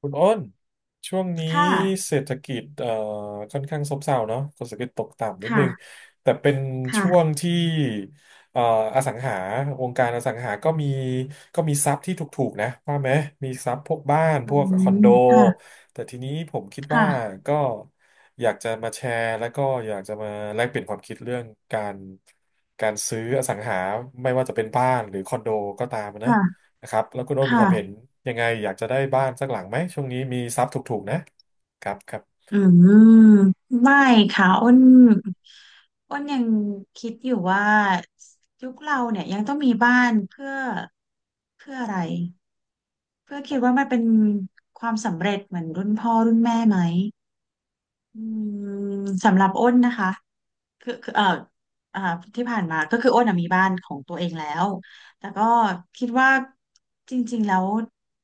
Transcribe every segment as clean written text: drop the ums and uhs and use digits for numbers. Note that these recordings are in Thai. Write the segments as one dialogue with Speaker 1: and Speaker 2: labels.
Speaker 1: คุณอ้นช่วงนี้
Speaker 2: ค่ะ
Speaker 1: เศรษฐกิจค่อนข้างซบเซาเนาะเศรษฐกิจตกต่ำนิดนึง
Speaker 2: ค่ะ
Speaker 1: แต่เป็นช่ว
Speaker 2: ค่ะ
Speaker 1: งที่เอ่ออสังหาวงการอสังหาก็มีทรัพย์ที่ถูกๆนะว่าไหมมีทรัพย์พวกบ้าน
Speaker 2: อื
Speaker 1: พวกคอนโด
Speaker 2: มค่ะ
Speaker 1: แต่ทีนี้ผมคิดว่า
Speaker 2: ค่ะ
Speaker 1: ก็อยากจะมาแชร์แล้วก็อยากจะมาแลกเปลี่ยนความคิดเรื่องการการซื้ออสังหาไม่ว่าจะเป็นบ้านหรือคอนโดก็ตามนะ
Speaker 2: ค่ะ
Speaker 1: นะครับแล้วคุณโอ้นมีความเห็น
Speaker 2: ค่ะ
Speaker 1: ยังไงอยากจะได้บ้านสักหลังไหมช่วงนี้มีทรัพย์ถูกๆนะครับครับ
Speaker 2: อืม ไม่ค่ะอ้นยังคิดอยู่ว่ายุคเราเนี่ยยังต้องมีบ้านเพื่ออะไรเพื่อคิดว่ามันเป็นความสำเร็จเหมือนรุ่นพ่อรุ่นแม่ไหมอืมสำหรับอ้นนะคะ คืออ่าที่ผ่านมาก็คืออ้นอะมีบ้านของตัวเองแล้วแต่ก็คิดว่าจริงๆแล้ว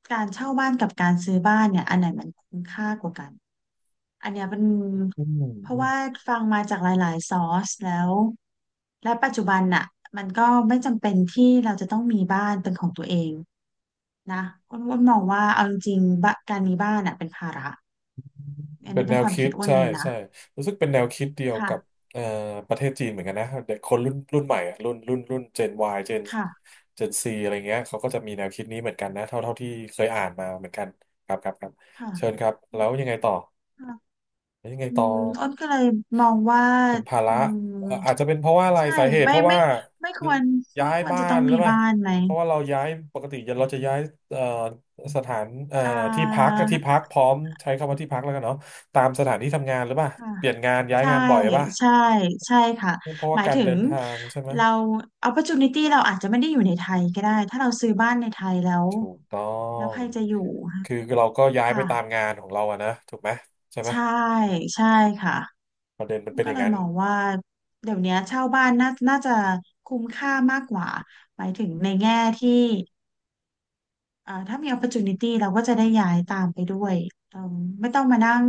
Speaker 2: การเช่าบ้านกับการซื้อบ้านเนี่ยอันไหนมันคุ้มค่ากว่ากันอันเนี้ยเป็น
Speaker 1: อืม
Speaker 2: เพราะ
Speaker 1: อืม
Speaker 2: ว่าฟังมาจากหลายๆซอสแล้วและปัจจุบันน่ะมันก็ไม่จำเป็นที่เราจะต้องมีบ้านเป็นของตัวเองนะอ้นมองว่าเอาจริงๆบะการมีบ้านน่ะเป็นภาระอัน
Speaker 1: เป็น
Speaker 2: นี้
Speaker 1: แน
Speaker 2: เป็น
Speaker 1: ว
Speaker 2: ความ
Speaker 1: คิ
Speaker 2: คิ
Speaker 1: ด
Speaker 2: ดอ้น
Speaker 1: ใช่
Speaker 2: เองนะ
Speaker 1: ใช่รู้สึกเป็นแนวคิดเดียว
Speaker 2: ค่ะ
Speaker 1: กับเอ่อประเทศจีนเหมือนกันนะเด็กคนรุ่นรุ่นใหม่อะรุ่นรุ่นรุ่นเจน Y เจน
Speaker 2: ค่ะ
Speaker 1: เจนซีอะไรเงี้ยเขาก็จะมีแนวคิดนี้เหมือนกันนะเท่าเท่าที่เคยอ่านมาเหมือนกันครับครับครับเชิญ
Speaker 2: ค่
Speaker 1: ครับแล้วยังไงต่อ
Speaker 2: ะ
Speaker 1: แล้วยังไง
Speaker 2: อื
Speaker 1: ต่อ
Speaker 2: มอ้นก็เลยมองว่า
Speaker 1: เป็นภา
Speaker 2: อื
Speaker 1: ระ
Speaker 2: ม
Speaker 1: อาจจะเป็นเพราะว่าอะไร
Speaker 2: ใช่
Speaker 1: สาเหตุเพ
Speaker 2: ไม่
Speaker 1: ราะ
Speaker 2: ไม่
Speaker 1: ว่า
Speaker 2: ไม่ควร
Speaker 1: ย้ายบ้า
Speaker 2: จะต้
Speaker 1: น
Speaker 2: อง
Speaker 1: หรื
Speaker 2: มี
Speaker 1: อเปล่า
Speaker 2: บ้านไหม
Speaker 1: เพราะว่าเราย้ายปกติเราจะย้ายเอ่อสถานเอ่อ
Speaker 2: อ่
Speaker 1: ที่พัก
Speaker 2: า
Speaker 1: ที่พักพร้อมใช้คำว่าที่พักแล้วกันเนาะตามสถานที่ทำงานหรือเปล่า
Speaker 2: ค่ะ
Speaker 1: เปลี่ยนงานย้าย
Speaker 2: ใช่
Speaker 1: งานบ่อยป่ะ
Speaker 2: ใช่ใช่ค่ะ
Speaker 1: เพราะ
Speaker 2: ห
Speaker 1: ว่า
Speaker 2: มาย
Speaker 1: การ
Speaker 2: ถึ
Speaker 1: เดิ
Speaker 2: ง
Speaker 1: นทางใช่ไหม
Speaker 2: เรา opportunity เราอาจจะไม่ได้อยู่ในไทยก็ได้ ถ้าเราซื้อบ้านในไทยแล้ว
Speaker 1: ถูกต้อ
Speaker 2: แล้ว
Speaker 1: ง
Speaker 2: ใครจะอยู่
Speaker 1: คือเราก็ย้ายไป
Speaker 2: ค่ะ
Speaker 1: ตามงานของเราอะนะถูกไหมใช่ไหม
Speaker 2: ใช่ใช่ค่ะ
Speaker 1: ประเด็นมันเป็น
Speaker 2: ก็
Speaker 1: อย่าง
Speaker 2: เลย
Speaker 1: นั้น
Speaker 2: มองว่าเดี๋ยวเนี้ยเช่าบ้านน่าจะคุ้มค่ามากกว่า หมายถึงในแง่ที่ ถ้ามี opportunity เราก็จะได้ย้ายตามไปด้วยเอ่มไม่ต้องมานั่ง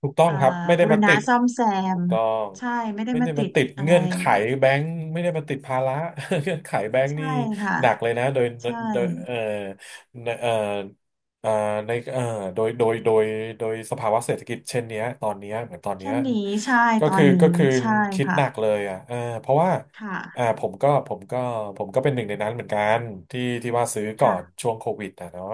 Speaker 1: ถูกต้อง
Speaker 2: อ่า
Speaker 1: ครับไม่ได้
Speaker 2: บูร
Speaker 1: มา
Speaker 2: ณะ
Speaker 1: ติด
Speaker 2: ซ่อมแซ
Speaker 1: ถู
Speaker 2: ม
Speaker 1: กต้อง
Speaker 2: ใช่ไม่ได้
Speaker 1: ไม่
Speaker 2: มา
Speaker 1: ได้
Speaker 2: ติ
Speaker 1: มา
Speaker 2: ด
Speaker 1: ติด
Speaker 2: อะไร
Speaker 1: เงื่อนไขแบงค์ไม่ได้มาติดภาระ เงื่อนไขแบงค์
Speaker 2: ใช่
Speaker 1: นี่
Speaker 2: ค่ะ
Speaker 1: หนักเลยนะโดย
Speaker 2: ใช่
Speaker 1: โดยเอ่อในเอ่อในโดยโดยโดยโดยสภาวะเศรษฐกิจเช่นเนี้ยตอนเนี้ยเหมือนตอนเนี้
Speaker 2: แค่
Speaker 1: ย
Speaker 2: นี้ใช่
Speaker 1: ก็
Speaker 2: ตอ
Speaker 1: คื
Speaker 2: น
Speaker 1: อก็
Speaker 2: นี้
Speaker 1: คือ
Speaker 2: ใช่
Speaker 1: คิดห
Speaker 2: ค่ะ
Speaker 1: นักเลยอ่ะเออเพราะว่า
Speaker 2: ค
Speaker 1: อ่า
Speaker 2: ่ะ
Speaker 1: ผมก็เป็นหนึ่งในนั้นเหมือนกันที่ว่าซื้อก่อน
Speaker 2: ค่ะ
Speaker 1: ช่วงโควิดอ่ะเนาะ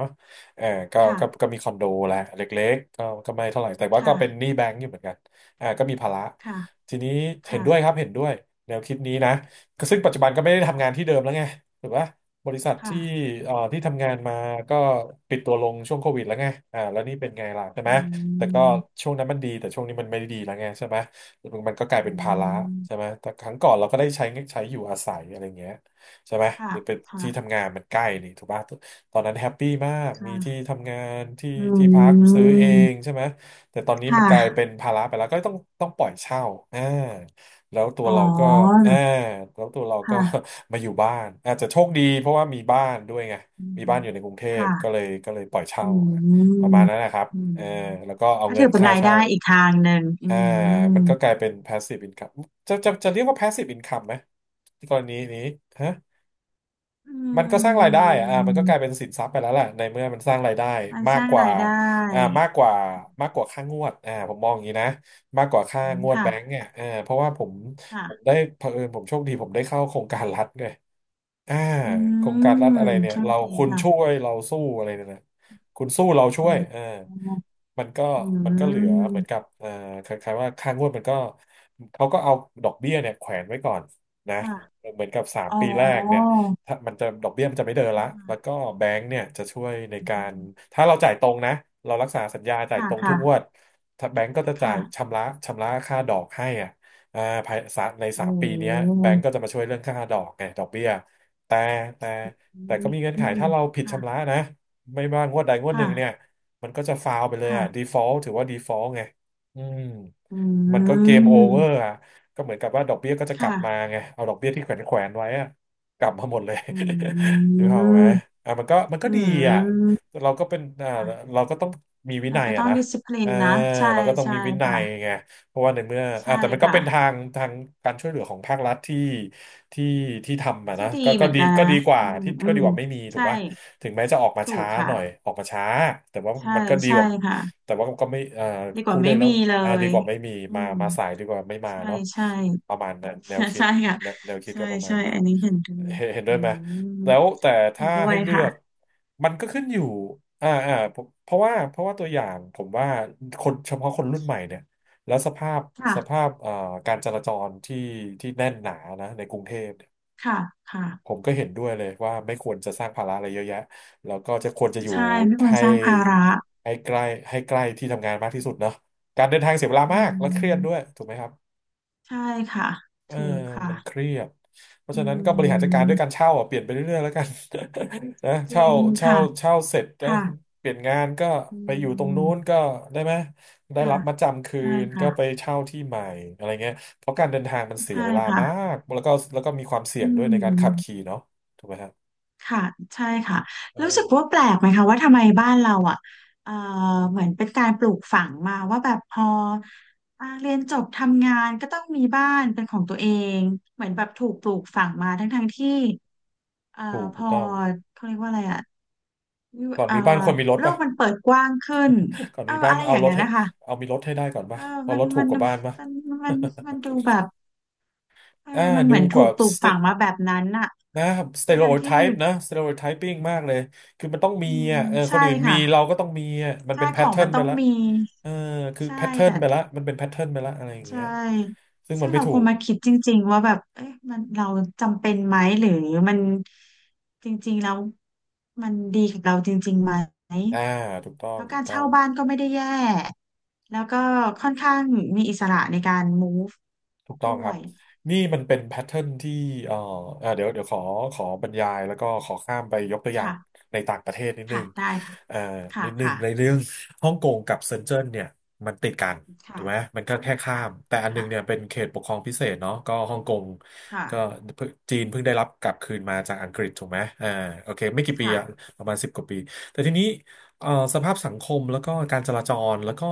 Speaker 1: เออก็
Speaker 2: ค่ะ
Speaker 1: มีคอนโดแหละเล็กๆก็ไม่เท่าไหร่แต่ว่าก็
Speaker 2: ค่ะ
Speaker 1: เป็นหนี้แบงก์อยู่เหมือนกัน อ่าก็มีภาระ
Speaker 2: ค่ะ
Speaker 1: ทีนี้เห็น
Speaker 2: ค่ะ
Speaker 1: ด้วยครับเห็นด้วยแนวคิดนี้นะก็ซึ่งปัจจุบันก็ไม่ได้ทำงาน
Speaker 2: ค่ะ
Speaker 1: ที่เดิมแล้วไงถูกปะบริษัทที่
Speaker 2: ค่ะ
Speaker 1: ที่ทำงานมาก็ปิดตัวลงช่วงโควิดแล้วไงอ่าแล้วนี่เป็นไงล่ะใช่ไห
Speaker 2: อื
Speaker 1: มแต่ก็
Speaker 2: ม
Speaker 1: ช่วงนั้นมันดีแต่ช่วงนี้มันไม่ได้ดีแล้วไงใช่ไหมมันก็กลาย
Speaker 2: อื
Speaker 1: เป็นภาระใช่
Speaker 2: ม
Speaker 1: ไหมแต่ครั้งก่อนเราก็ได้ใช้อยู่อาศัยอะไรเงี้ยใช่ไหม
Speaker 2: ค่ะ
Speaker 1: หรือเป็นที่
Speaker 2: ค่ะ
Speaker 1: ทำงานมันใกล้นี่ถูกป่ะ ตอนนั้นแฮปปี้มากมีที่
Speaker 2: ค่ะ
Speaker 1: ทำงานที่
Speaker 2: อื
Speaker 1: ที่พักซื้อ
Speaker 2: ม
Speaker 1: เองใช่ไหมแต่ตอนนี้
Speaker 2: ค่
Speaker 1: มันกลายเป็น
Speaker 2: ะ
Speaker 1: ภาระไปแล้วก็ต้องปล่อยเช่าอ่าแล้วตัว
Speaker 2: อ๋อ
Speaker 1: เราก็อ่าแล้วตัวเราก็
Speaker 2: ค่ะ
Speaker 1: มาอยู่บ้านอาจจะโชคดีเพราะว่ามีบ้านด้วยไง
Speaker 2: อื
Speaker 1: มีบ้าน
Speaker 2: ม
Speaker 1: อยู่ในกรุงเทพก็เล
Speaker 2: ค่ะ
Speaker 1: ยก็เลยปล่อยเช่า
Speaker 2: อื
Speaker 1: ประ
Speaker 2: ม
Speaker 1: มาณนั้นนะครับ
Speaker 2: อืม
Speaker 1: เออแล้วก็เอา
Speaker 2: ก็
Speaker 1: เงิ
Speaker 2: ถื
Speaker 1: น
Speaker 2: อเป็น
Speaker 1: ค่า
Speaker 2: รายได้
Speaker 1: เช่า
Speaker 2: อีกทางหนึ่งอื
Speaker 1: อ่า
Speaker 2: ม
Speaker 1: มันก็กลายเป็น passive income จะเรียกว่า passive income ไหมในกรณีนี้ฮะ
Speaker 2: อื
Speaker 1: มันก็สร้างรายได้อะอ่ามันก็กลายเป็
Speaker 2: ม
Speaker 1: นสินทรัพย์ไปแล้วแหละในเมื่อมันสร้างรายได้
Speaker 2: มัน
Speaker 1: มา
Speaker 2: ส
Speaker 1: ก
Speaker 2: ร้าง
Speaker 1: กว่า
Speaker 2: รายได้
Speaker 1: อ่ามากกว่าค่างวดอ่าผมมองอย่างนี้นะมากกว่าค่า
Speaker 2: อืม
Speaker 1: งวด
Speaker 2: ค่ะ
Speaker 1: แบงก์เนี่ยอ่าเพราะว่าผมผม
Speaker 2: ค่ะ
Speaker 1: ได้เผอิญผมโชคดีผมได้เข้าโครงการรัฐไงอ่า
Speaker 2: อื
Speaker 1: โครงการรัฐอะ
Speaker 2: ม
Speaker 1: ไรเนี่ย
Speaker 2: โชค
Speaker 1: เรา
Speaker 2: ดี
Speaker 1: คุณ
Speaker 2: ค่ะ
Speaker 1: ช่วยเราสู้อะไรเนี่ยนะคุณสู้เราช่
Speaker 2: อ๋
Speaker 1: วยอ่า
Speaker 2: อ
Speaker 1: มันก็
Speaker 2: อื
Speaker 1: มันก็เหลือเหมือนกั
Speaker 2: ม
Speaker 1: บอ่าคล้ายๆว่าค่างวดมันก็เขาก็เอาดอกเบี้ยเนี่ยแขวนไว้ก่อนนะ
Speaker 2: ค่ะ
Speaker 1: เหมือนกับสาม
Speaker 2: อ๋อ
Speaker 1: ปีแรกเนี่ย ถ้ามันจะดอกเบี้ยมันจะไม่เดินละแล้วก็แบงก์เนี่ยจะช่วยในการ ถ้าเราจ่ายตรงนะ เรารักษาสัญญาจ่าย
Speaker 2: ค่ะ
Speaker 1: ตรงทุ
Speaker 2: ค่ะ
Speaker 1: กงวดถ้าแบงก์ก็จะจ่า
Speaker 2: ค่ะ
Speaker 1: ยชำระค่าดอกให้อ่ะอ่าภายสะในสา
Speaker 2: โอ้
Speaker 1: มปีเนี้ยแบงก์ก็จะมาช่วยเรื่องค่าดอกไงดอกเบี้ยแต่แต่
Speaker 2: อื
Speaker 1: แต่ก็มีเงื่อนไข
Speaker 2: ม
Speaker 1: ถ้าเราผิดชำระ
Speaker 2: ค่ะ
Speaker 1: นะไม่ว่างวดใดงวดห
Speaker 2: ค่ะ
Speaker 1: นึ่งเนี่ยมันก็จะฟาวไปเลยอ่ะ
Speaker 2: ค่ะ
Speaker 1: default ถือว่า default ไงอืม
Speaker 2: อื
Speaker 1: มันก็เกมโอเวอร์
Speaker 2: ม
Speaker 1: อ่ะก็เหมือนกับว่าดอกเบี้ยก็จะกลั
Speaker 2: ค่ะ
Speaker 1: บมาไงเอาดอกเบี้ยที่แขวนไว้อ่ะ กลับมาหมดเลย
Speaker 2: อื
Speaker 1: นึกออกไหม
Speaker 2: ม
Speaker 1: อ่ะมันก็
Speaker 2: อื
Speaker 1: ดีอ่ะ
Speaker 2: ม
Speaker 1: เราก็เป็น
Speaker 2: ค่ะ
Speaker 1: เราก็ต้องมีวิ
Speaker 2: เรา
Speaker 1: นัย
Speaker 2: ก็
Speaker 1: อ่ะ
Speaker 2: ต้อง
Speaker 1: นะ
Speaker 2: ดิสซิปลิ
Speaker 1: เออ
Speaker 2: นนะใช่
Speaker 1: เราก็ต้องมี
Speaker 2: ใช่
Speaker 1: วินั
Speaker 2: ค่ะ
Speaker 1: ยไงเพราะว่าในเมื่ออ่ะ
Speaker 2: ใช่
Speaker 1: แต่มันก็
Speaker 2: ค่ะ
Speaker 1: เป็นทางการช่วยเหลือของภาครัฐที่ที่ทำอ่ะ
Speaker 2: ที่
Speaker 1: นะ
Speaker 2: ดี
Speaker 1: ก็ก็
Speaker 2: เหมือน
Speaker 1: ดี
Speaker 2: กัน
Speaker 1: ก็
Speaker 2: นะ
Speaker 1: ดีกว่า
Speaker 2: อืม
Speaker 1: ที่
Speaker 2: อื
Speaker 1: ก็ดี
Speaker 2: ม
Speaker 1: กว่าไม่มีถูก
Speaker 2: ใช่
Speaker 1: ป่ะถึงแม้จะออกมา
Speaker 2: ถู
Speaker 1: ช้า
Speaker 2: ก
Speaker 1: ห
Speaker 2: ค่ะ
Speaker 1: น่อยออกมาช้าแต่ว่า
Speaker 2: ใช่
Speaker 1: มันก็ดี
Speaker 2: ใช่
Speaker 1: กว่า
Speaker 2: ค่ะ
Speaker 1: แต่ว่าก็ไม่อ่า
Speaker 2: ดีก
Speaker 1: พู
Speaker 2: ว่า
Speaker 1: ดได้
Speaker 2: ไม่
Speaker 1: แล้
Speaker 2: มี
Speaker 1: ว
Speaker 2: เล
Speaker 1: อ่าดี
Speaker 2: ย
Speaker 1: กว่าไม่มี
Speaker 2: อื
Speaker 1: มา
Speaker 2: ม
Speaker 1: มาสายดีกว่าไม่มา
Speaker 2: ใช่
Speaker 1: เนาะ
Speaker 2: ใช่
Speaker 1: ประมาณนั้นแนว คิด
Speaker 2: ใช่ค่ะ
Speaker 1: แนวคิด
Speaker 2: ใช่
Speaker 1: ก็ประมา
Speaker 2: ใช่
Speaker 1: ณนั้น
Speaker 2: อันนี้เห็นด้วย
Speaker 1: เห็นด้
Speaker 2: อื
Speaker 1: วยไหมแล้
Speaker 2: ม
Speaker 1: วแต่
Speaker 2: เห็
Speaker 1: ถ้า
Speaker 2: นด้ว
Speaker 1: ให้
Speaker 2: ย
Speaker 1: เลือ
Speaker 2: ค่ะ
Speaker 1: ก มันก็ขึ้นอยู่ผมเพราะว่าตัวอย่างผมว่าคนเฉพาะคนรุ่นใหม่เนี่ย แล้วสภาพสภา
Speaker 2: ค่ะ
Speaker 1: พการจราจรที่แน่นหนานะในกรุงเทพเนี่ย
Speaker 2: ค่ะค่ะ
Speaker 1: ผมก็เห็นด้วยเลยว่าไม่ควรจะสร้างภาระอะไรเยอะแยะแล้วก็จะควรจะอยู่
Speaker 2: ใช่ไม่ควร
Speaker 1: ให้
Speaker 2: สร้างภาระ
Speaker 1: ให้ใกล้ให้ใกล้ที่ทำงานมากที่สุดเนาะการเดินทางเสียเวลา
Speaker 2: อื
Speaker 1: มากและเครียดด้วย
Speaker 2: ม
Speaker 1: ถูกไหมครับ
Speaker 2: ใช่ค่ะ
Speaker 1: เออ
Speaker 2: ถูกค่ะ
Speaker 1: มันเครียดเพราะ
Speaker 2: อื
Speaker 1: ฉะนั้นก็บริหารจัดการด้วยกา
Speaker 2: ม
Speaker 1: รเช่าอ่ะเปลี่ยนไปเรื่อยๆแล้วกัน นะ
Speaker 2: จริ
Speaker 1: เช่า
Speaker 2: ง
Speaker 1: เช่า
Speaker 2: ค่ะ
Speaker 1: เช่าเสร็จนะ
Speaker 2: ค่ะ
Speaker 1: เปลี่ยนงานก็
Speaker 2: อื
Speaker 1: ไปอยู่ตรงนู้น
Speaker 2: ม
Speaker 1: ก็ได้ไหมได้
Speaker 2: ค่ะ
Speaker 1: รับมัดจำคื
Speaker 2: ใช่
Speaker 1: นก็ไป
Speaker 2: ค่ะ
Speaker 1: เช่าที่ใหม่อะไรเงี้ยเพราะการเดินทางมันเสีย
Speaker 2: ใช่
Speaker 1: เวลา
Speaker 2: ค่ะ
Speaker 1: มากแล้วก็มีความเสี่
Speaker 2: อื
Speaker 1: ยงด้วยในการขับขี่
Speaker 2: ม
Speaker 1: เนาะถูกไหมฮะ
Speaker 2: ค่ะใช่ค่ะ
Speaker 1: เอ
Speaker 2: รู้สึกว่าแป
Speaker 1: อ
Speaker 2: ลกไหมคะว่าทำไมบ้านเราอ่ะเอ่อเหมือนเป็นการปลูกฝังมาว่าแบบพอเรียนจบทำงานก็ต้องมีบ้านเป็นของตัวเองเหมือนแบบถูกปลูกฝังมาทั้งที่เอ่อ
Speaker 1: ถูก
Speaker 2: พ
Speaker 1: ถูก
Speaker 2: อ
Speaker 1: ต้อง
Speaker 2: เขาเรียกว่าอะไรอ่ะวิว
Speaker 1: ก่อนมีบ้านควรมีรถ
Speaker 2: โล
Speaker 1: ป่ะ
Speaker 2: กมันเปิดกว้างขึ้น
Speaker 1: ก่อน
Speaker 2: เออ
Speaker 1: มีบ้าน
Speaker 2: อะไรอ
Speaker 1: เอา
Speaker 2: ย่าง
Speaker 1: รถ
Speaker 2: เงี้ย
Speaker 1: ให้
Speaker 2: นะคะ
Speaker 1: เอามีรถให้ได้ก่อน
Speaker 2: เอ
Speaker 1: ป่ะ
Speaker 2: อ
Speaker 1: เพอ
Speaker 2: มัน
Speaker 1: รถถู
Speaker 2: มั
Speaker 1: ก
Speaker 2: น
Speaker 1: กว่าบ้านป่ะ
Speaker 2: มันมันมันดูแบบเออ
Speaker 1: อ่า
Speaker 2: มันเห
Speaker 1: ดู
Speaker 2: มือน
Speaker 1: ก
Speaker 2: ถู
Speaker 1: ว่า
Speaker 2: กปลูกฝังมาแบบนั้นน่ะ
Speaker 1: นะสเต
Speaker 2: ทั้ง
Speaker 1: โ o
Speaker 2: ทาง
Speaker 1: ไท
Speaker 2: ที่
Speaker 1: ป์นะสเตโ o ไทปิ้งมากเลยคือมันต้องมี
Speaker 2: อืม
Speaker 1: อ่ะเออค
Speaker 2: ใช่
Speaker 1: นอื่นมี
Speaker 2: ค่ะ
Speaker 1: เราก็ต้องมีอ่ะมัน
Speaker 2: ใช่
Speaker 1: เป็นแพ
Speaker 2: ข
Speaker 1: ท
Speaker 2: อง
Speaker 1: เทิร์
Speaker 2: มั
Speaker 1: น
Speaker 2: น
Speaker 1: ไป
Speaker 2: ต้อง
Speaker 1: ละ
Speaker 2: มี
Speaker 1: เออคือ
Speaker 2: ใช่
Speaker 1: แพทเทิร์น
Speaker 2: แต่
Speaker 1: ไปละมันเป็นแพทเทิร์นไปละอะไรอย่าง
Speaker 2: ใช
Speaker 1: เงี้ย
Speaker 2: ่
Speaker 1: ซึ่งมั
Speaker 2: ซึ่
Speaker 1: น
Speaker 2: ง
Speaker 1: ไม่
Speaker 2: เรา
Speaker 1: ถู
Speaker 2: ควร
Speaker 1: ก
Speaker 2: มาคิดจริงๆว่าแบบเอ๊ะมันเราจำเป็นไหมหรือมันจริงๆแล้วมันดีกับเราจริงๆไหม
Speaker 1: อ่าถูกต้อ
Speaker 2: เพ
Speaker 1: ง
Speaker 2: ราะ
Speaker 1: ถู
Speaker 2: กา
Speaker 1: ก
Speaker 2: ร
Speaker 1: ต้อ
Speaker 2: เช่า
Speaker 1: ง
Speaker 2: บ้านก็ไม่ได้แย่แล้วก็ค่อนข้างมีอิสระในการ move
Speaker 1: ถูกต้อง
Speaker 2: ด้
Speaker 1: ค
Speaker 2: ว
Speaker 1: รับ
Speaker 2: ย
Speaker 1: นี่มันเป็นแพทเทิร์นที่เอ่อเดี๋ยวขอบรรยายแล้วก็ขอข้ามไปยกตัวอย่าง
Speaker 2: ค่ะ
Speaker 1: ในต่างประเทศนิดนึ
Speaker 2: ค่ะ
Speaker 1: ง
Speaker 2: ได้ค่ะ
Speaker 1: เอ่อ
Speaker 2: ค่ะ
Speaker 1: นิดนึง
Speaker 2: ค่ะ
Speaker 1: ในเรื่องฮ่องกงกับเซินเจิ้นเนี่ยมันติดกันถู
Speaker 2: ค่ะ
Speaker 1: กไหมมันก็แค่ข้า
Speaker 2: ค่ะ
Speaker 1: มแต่อันนึ
Speaker 2: ค่ะ
Speaker 1: งเนี่ยเป็นเขตปกครองพิเศษเนาะก็ฮ่องกง
Speaker 2: ค่ะ
Speaker 1: ก็เพิ่งจีนเพิ่งได้รับกลับคืนมาจากอังกฤษถูกไหมอ่าโอเคไม่กี่ปีอะ
Speaker 2: ค่ะ
Speaker 1: ประมาณสิบกว่าปีแต่ทีนี้เอ่อสภาพสังคมแล้วก็การจราจรแล้วก็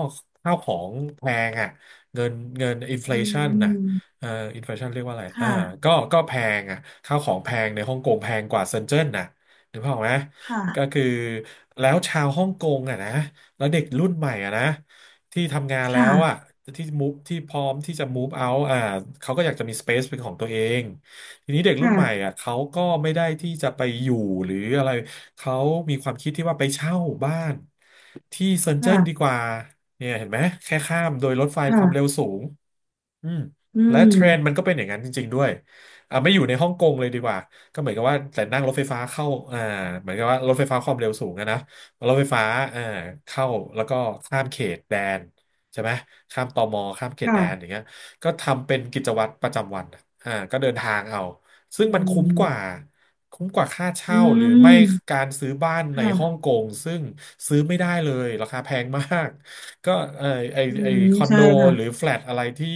Speaker 1: ข้าวของแพงอ่ะเงินเงินอินฟล
Speaker 2: อื
Speaker 1: ชันน่ะ
Speaker 2: ม
Speaker 1: เอ่ออินฟลชันเรียกว่าอะไร
Speaker 2: ค
Speaker 1: อ่า
Speaker 2: ่ะ
Speaker 1: ก็แพงอ่ะข้าวของแพงในฮ่องกงแพงกว่าเซินเจิ้นนะนึกภาพออกไหม
Speaker 2: ค่ะ
Speaker 1: ก็คือแล้วชาวฮ่องกงอ่ะนะแล้วเด็กรุ่นใหม่อ่ะนะที่ทำงานแล้
Speaker 2: ค่ะ
Speaker 1: วอ่ะที่มูฟที่พร้อมที่จะ move out อ่าเขาก็อยากจะมี space เป็นของตัวเองทีนี้เด็กรุ่น
Speaker 2: ค่ะ
Speaker 1: ใหม่อ่ะเขาก็ไม่ได้ที่จะไปอยู่หรืออะไรเขามีความคิดที่ว่าไปเช่าบ้านที่เซินเจิ้นดีก
Speaker 2: ค่ะ
Speaker 1: ว่าเนี่ยเห็นไหมแค่ข้ามโดยรถไฟค
Speaker 2: ค่ะ
Speaker 1: วามเร็วสูงอืม
Speaker 2: อื
Speaker 1: และ
Speaker 2: ม
Speaker 1: เทรนด์มันก็เป็นอย่างนั้นจริงๆด้วยอ่าไม่อยู่ในฮ่องกงเลยดีกว่า ก็เหมือนกับว่าแต่นั่งรถไฟฟ้าเข้าอ่าเหมือนกับว่ารถไฟฟ้าความเร็วสูงอะนะรถไฟฟ้าอ่าเข้าแล้วก็ข้ามเขตแดนใช่ไหมข้ามตมข้ามเขตแดนอย่า
Speaker 2: ค่ะ
Speaker 1: งเงี้ยก็ทำเป็นกิจวัตรประจำวันอะอ่าก็เดินทางเอาซึ่ง
Speaker 2: อื
Speaker 1: มันคุ้มกว่า
Speaker 2: ม
Speaker 1: คุ้มกว่าค่า
Speaker 2: อื
Speaker 1: เช่าหรือไม่
Speaker 2: ม
Speaker 1: การซื้อบ้านในฮ่อง
Speaker 2: ค่ะ
Speaker 1: กงซึ่งซื้อไม่ได้เลยราคาแพงมากก็เออไอ
Speaker 2: อื
Speaker 1: ไอ
Speaker 2: ม
Speaker 1: คอน
Speaker 2: ใช่
Speaker 1: โดหรือ
Speaker 2: ค่ะ
Speaker 1: แฟลตอะไรที่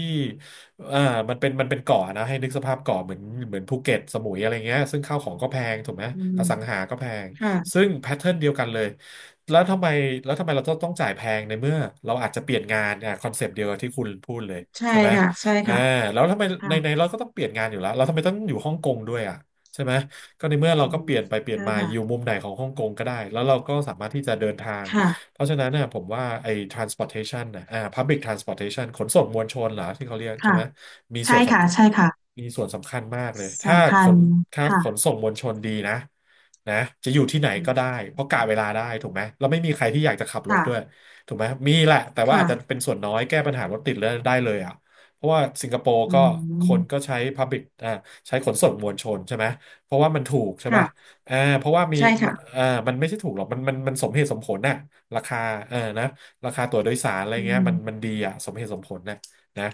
Speaker 1: อ่ามันเป็นเกาะนะให้นึกสภาพเกาะเหมือนเหมือนภูเก็ตสมุยอะไรเงี้ยซึ่งข้าวของก็แพงถูกไหม
Speaker 2: อื
Speaker 1: อสังหา
Speaker 2: ม
Speaker 1: ก็แพงซึ่
Speaker 2: ค่ะ
Speaker 1: งแพทเทิร์นเดียวกันเลยแล้วทำไมแล้วทำไมเราต้องจ่ายแพงในเมื่อเราอาจจะเปลี่ยนงานอ่ะคอนเซปต์เดียวกับที่คุณพูดเลย
Speaker 2: ใช่
Speaker 1: ใช่ไหม
Speaker 2: ค่ะใช่
Speaker 1: อ่า
Speaker 2: ค่ะ
Speaker 1: แล้วทำไม
Speaker 2: ค่ะ
Speaker 1: ในเราก็ต้องเปลี่ยนงานอยู่แล้วเราทำไมต้องอยู่ฮ่องกงด้วยอ่ะใช่ไหมก็ในเมื่อเรา
Speaker 2: อื
Speaker 1: ก็
Speaker 2: ม
Speaker 1: เปลี่ยนไปเปลี่ยน
Speaker 2: ใช่
Speaker 1: มาอยู่
Speaker 2: ค่ะ
Speaker 1: มุมไหนของฮ่องกงก็ได้แล้วเราก็สามารถที่จะเดินทาง
Speaker 2: ค่ะ
Speaker 1: เพราะฉะนั้นเนี่ยผมว่าไอ้ transportation นะอ่า public transportation ขนส่งมวลชนเหรอที่เขาเรียกใช่
Speaker 2: ค่ะ
Speaker 1: ไหมมีส่
Speaker 2: ใช่
Speaker 1: วนส
Speaker 2: ค่ะใช่ค่ะ
Speaker 1: มีส่วนสำคัญมากเลย ถ้า
Speaker 2: สำ
Speaker 1: ข
Speaker 2: คัญ
Speaker 1: นถ้าขน
Speaker 2: ค่ะ
Speaker 1: ส่งมวลชนดีนะนะจะอยู่ที่ไหน
Speaker 2: อื
Speaker 1: ก็
Speaker 2: ม
Speaker 1: ได้เพราะกะเวลาได้ถูกไหมแล้วไม่มีใครที่อยากจะขับรถ
Speaker 2: ค่ะ
Speaker 1: ด้วยถูกไหมมีแหละแต่ว่าอาจจะ
Speaker 2: ค่ะ
Speaker 1: เป็นส่วนน้อยแก้ปัญหารถติดเลยได้เลยอ่ะเพราะว่าสิงคโปร์
Speaker 2: อื
Speaker 1: ก็คนก็
Speaker 2: ม
Speaker 1: ใช้ public ใช้ขนส่งมวลชนใช่ไหมเพราะว่ามันถูกใช่ไหม
Speaker 2: ค่ะ
Speaker 1: เพราะว่ามี
Speaker 2: ใช่ค่ะ
Speaker 1: อ่ามันไม่ใช่ถูกหรอกมันสมเหตุสมผลน่ะราคานะราคาตั๋วโดยสารอะไร
Speaker 2: อื
Speaker 1: เงี้ยมัน
Speaker 2: ม
Speaker 1: ดีอ่ะสมเหตุสมผลน่ะนะ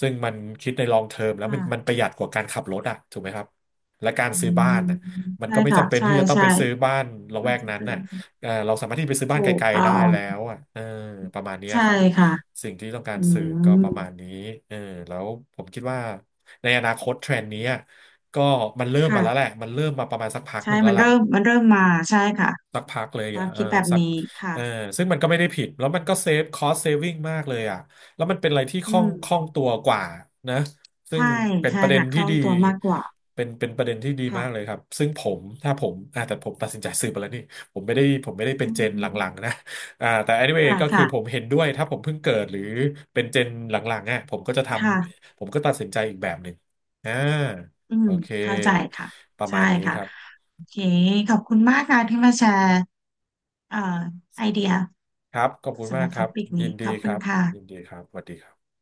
Speaker 1: ซึ่งมันคิดในลองเทอมแล้วมัน
Speaker 2: ค่ะ
Speaker 1: ประหยัดกว่าการขับรถอ่ะถูกไหมครับและการ
Speaker 2: อื
Speaker 1: ซื้อบ้า
Speaker 2: ม
Speaker 1: นน่ะมัน
Speaker 2: ใช่
Speaker 1: ก็ไม่
Speaker 2: ค่ะ
Speaker 1: จำเป็น
Speaker 2: ใช่
Speaker 1: ที่จะต้อง
Speaker 2: ใช่
Speaker 1: ไปซื้อบ้านละ
Speaker 2: ไม่
Speaker 1: แวก
Speaker 2: จำ
Speaker 1: นั้น
Speaker 2: เป็น
Speaker 1: น่ะเออเราสามารถที่ไปซื้อบ้า
Speaker 2: ถู
Speaker 1: นไก
Speaker 2: ก
Speaker 1: ล
Speaker 2: ต้
Speaker 1: ๆ
Speaker 2: อ
Speaker 1: ได้
Speaker 2: ง
Speaker 1: แล้วอ่ะเออประมาณเนี้ย
Speaker 2: ใช่
Speaker 1: ครับ
Speaker 2: ค่ะ
Speaker 1: สิ่งที่ต้องกา
Speaker 2: อื
Speaker 1: รสื่อก็
Speaker 2: ม
Speaker 1: ประมาณนี้เออแล้วผมคิดว่าในอนาคตเทรนด์นี้ ก็มันเริ่มมาแล้วแหละ
Speaker 2: ค่ะ
Speaker 1: มันเริ่มมาประมาณสักพักห
Speaker 2: ใช่
Speaker 1: นึ่งแล้
Speaker 2: มั
Speaker 1: ว
Speaker 2: น
Speaker 1: แหละ
Speaker 2: เริ่มมันเริ่มมา ใช่ค่ะ
Speaker 1: สักพักเลย
Speaker 2: ควา
Speaker 1: อ่ะ
Speaker 2: ม
Speaker 1: เออ
Speaker 2: คิดแบบ
Speaker 1: สัก
Speaker 2: นี้ค่ะ
Speaker 1: เออซึ่งมันก็ไม่ได้ผิดแล้วมันก็เซฟคอสเซฟวิ่งมากเลยอ่ะแล้วมันเป็นอะไรที่คล่
Speaker 2: อื
Speaker 1: อง
Speaker 2: ม
Speaker 1: คล่องตัวกว่านะซึ่ง
Speaker 2: ใช่
Speaker 1: เป็น
Speaker 2: ใช่
Speaker 1: ประเด็น
Speaker 2: ค่ะค
Speaker 1: ที่
Speaker 2: ล่อง
Speaker 1: ดี
Speaker 2: ตัวมากกว่า
Speaker 1: เป็นประเด็นที่ดี
Speaker 2: ค่ะ
Speaker 1: มากเลยครับซึ่งผมถ้าผมอ่าแต่ผมตัดสินใจซื้อไปแล้วนี่ผมไม่ได้เป็น
Speaker 2: อื
Speaker 1: เจนหลังๆ
Speaker 2: ม
Speaker 1: นะแต่ anyway
Speaker 2: ค่ะ
Speaker 1: ก็คือผม
Speaker 2: ค่ะ
Speaker 1: เห็นด้วยถ้าผมเพิ่งเกิดหรือเป็นเจนหลังๆอ่ะผมก็จะท
Speaker 2: ค่ะ
Speaker 1: ำผมก็ตัดสินใจอีกแบบหนึ่งอ่า
Speaker 2: อืม
Speaker 1: โอเค
Speaker 2: เข้าใจค่ะ
Speaker 1: ประ
Speaker 2: ใช่
Speaker 1: มาณนี้
Speaker 2: ค่ะ
Speaker 1: ครับ
Speaker 2: โอเคขอบคุณมากค่ะที่มาแชร์เอ่อไอเดีย
Speaker 1: ครับ ขอบคุณ
Speaker 2: สำ
Speaker 1: มา
Speaker 2: ห
Speaker 1: ก
Speaker 2: รับ
Speaker 1: ค
Speaker 2: ท็
Speaker 1: รั
Speaker 2: อ
Speaker 1: บ
Speaker 2: ปิก
Speaker 1: ยิ
Speaker 2: นี้
Speaker 1: น
Speaker 2: ข
Speaker 1: ดี
Speaker 2: อบ
Speaker 1: ค
Speaker 2: คุ
Speaker 1: รั
Speaker 2: ณ
Speaker 1: บ
Speaker 2: ค่ะ
Speaker 1: ยินดีครับสวัสดีครับ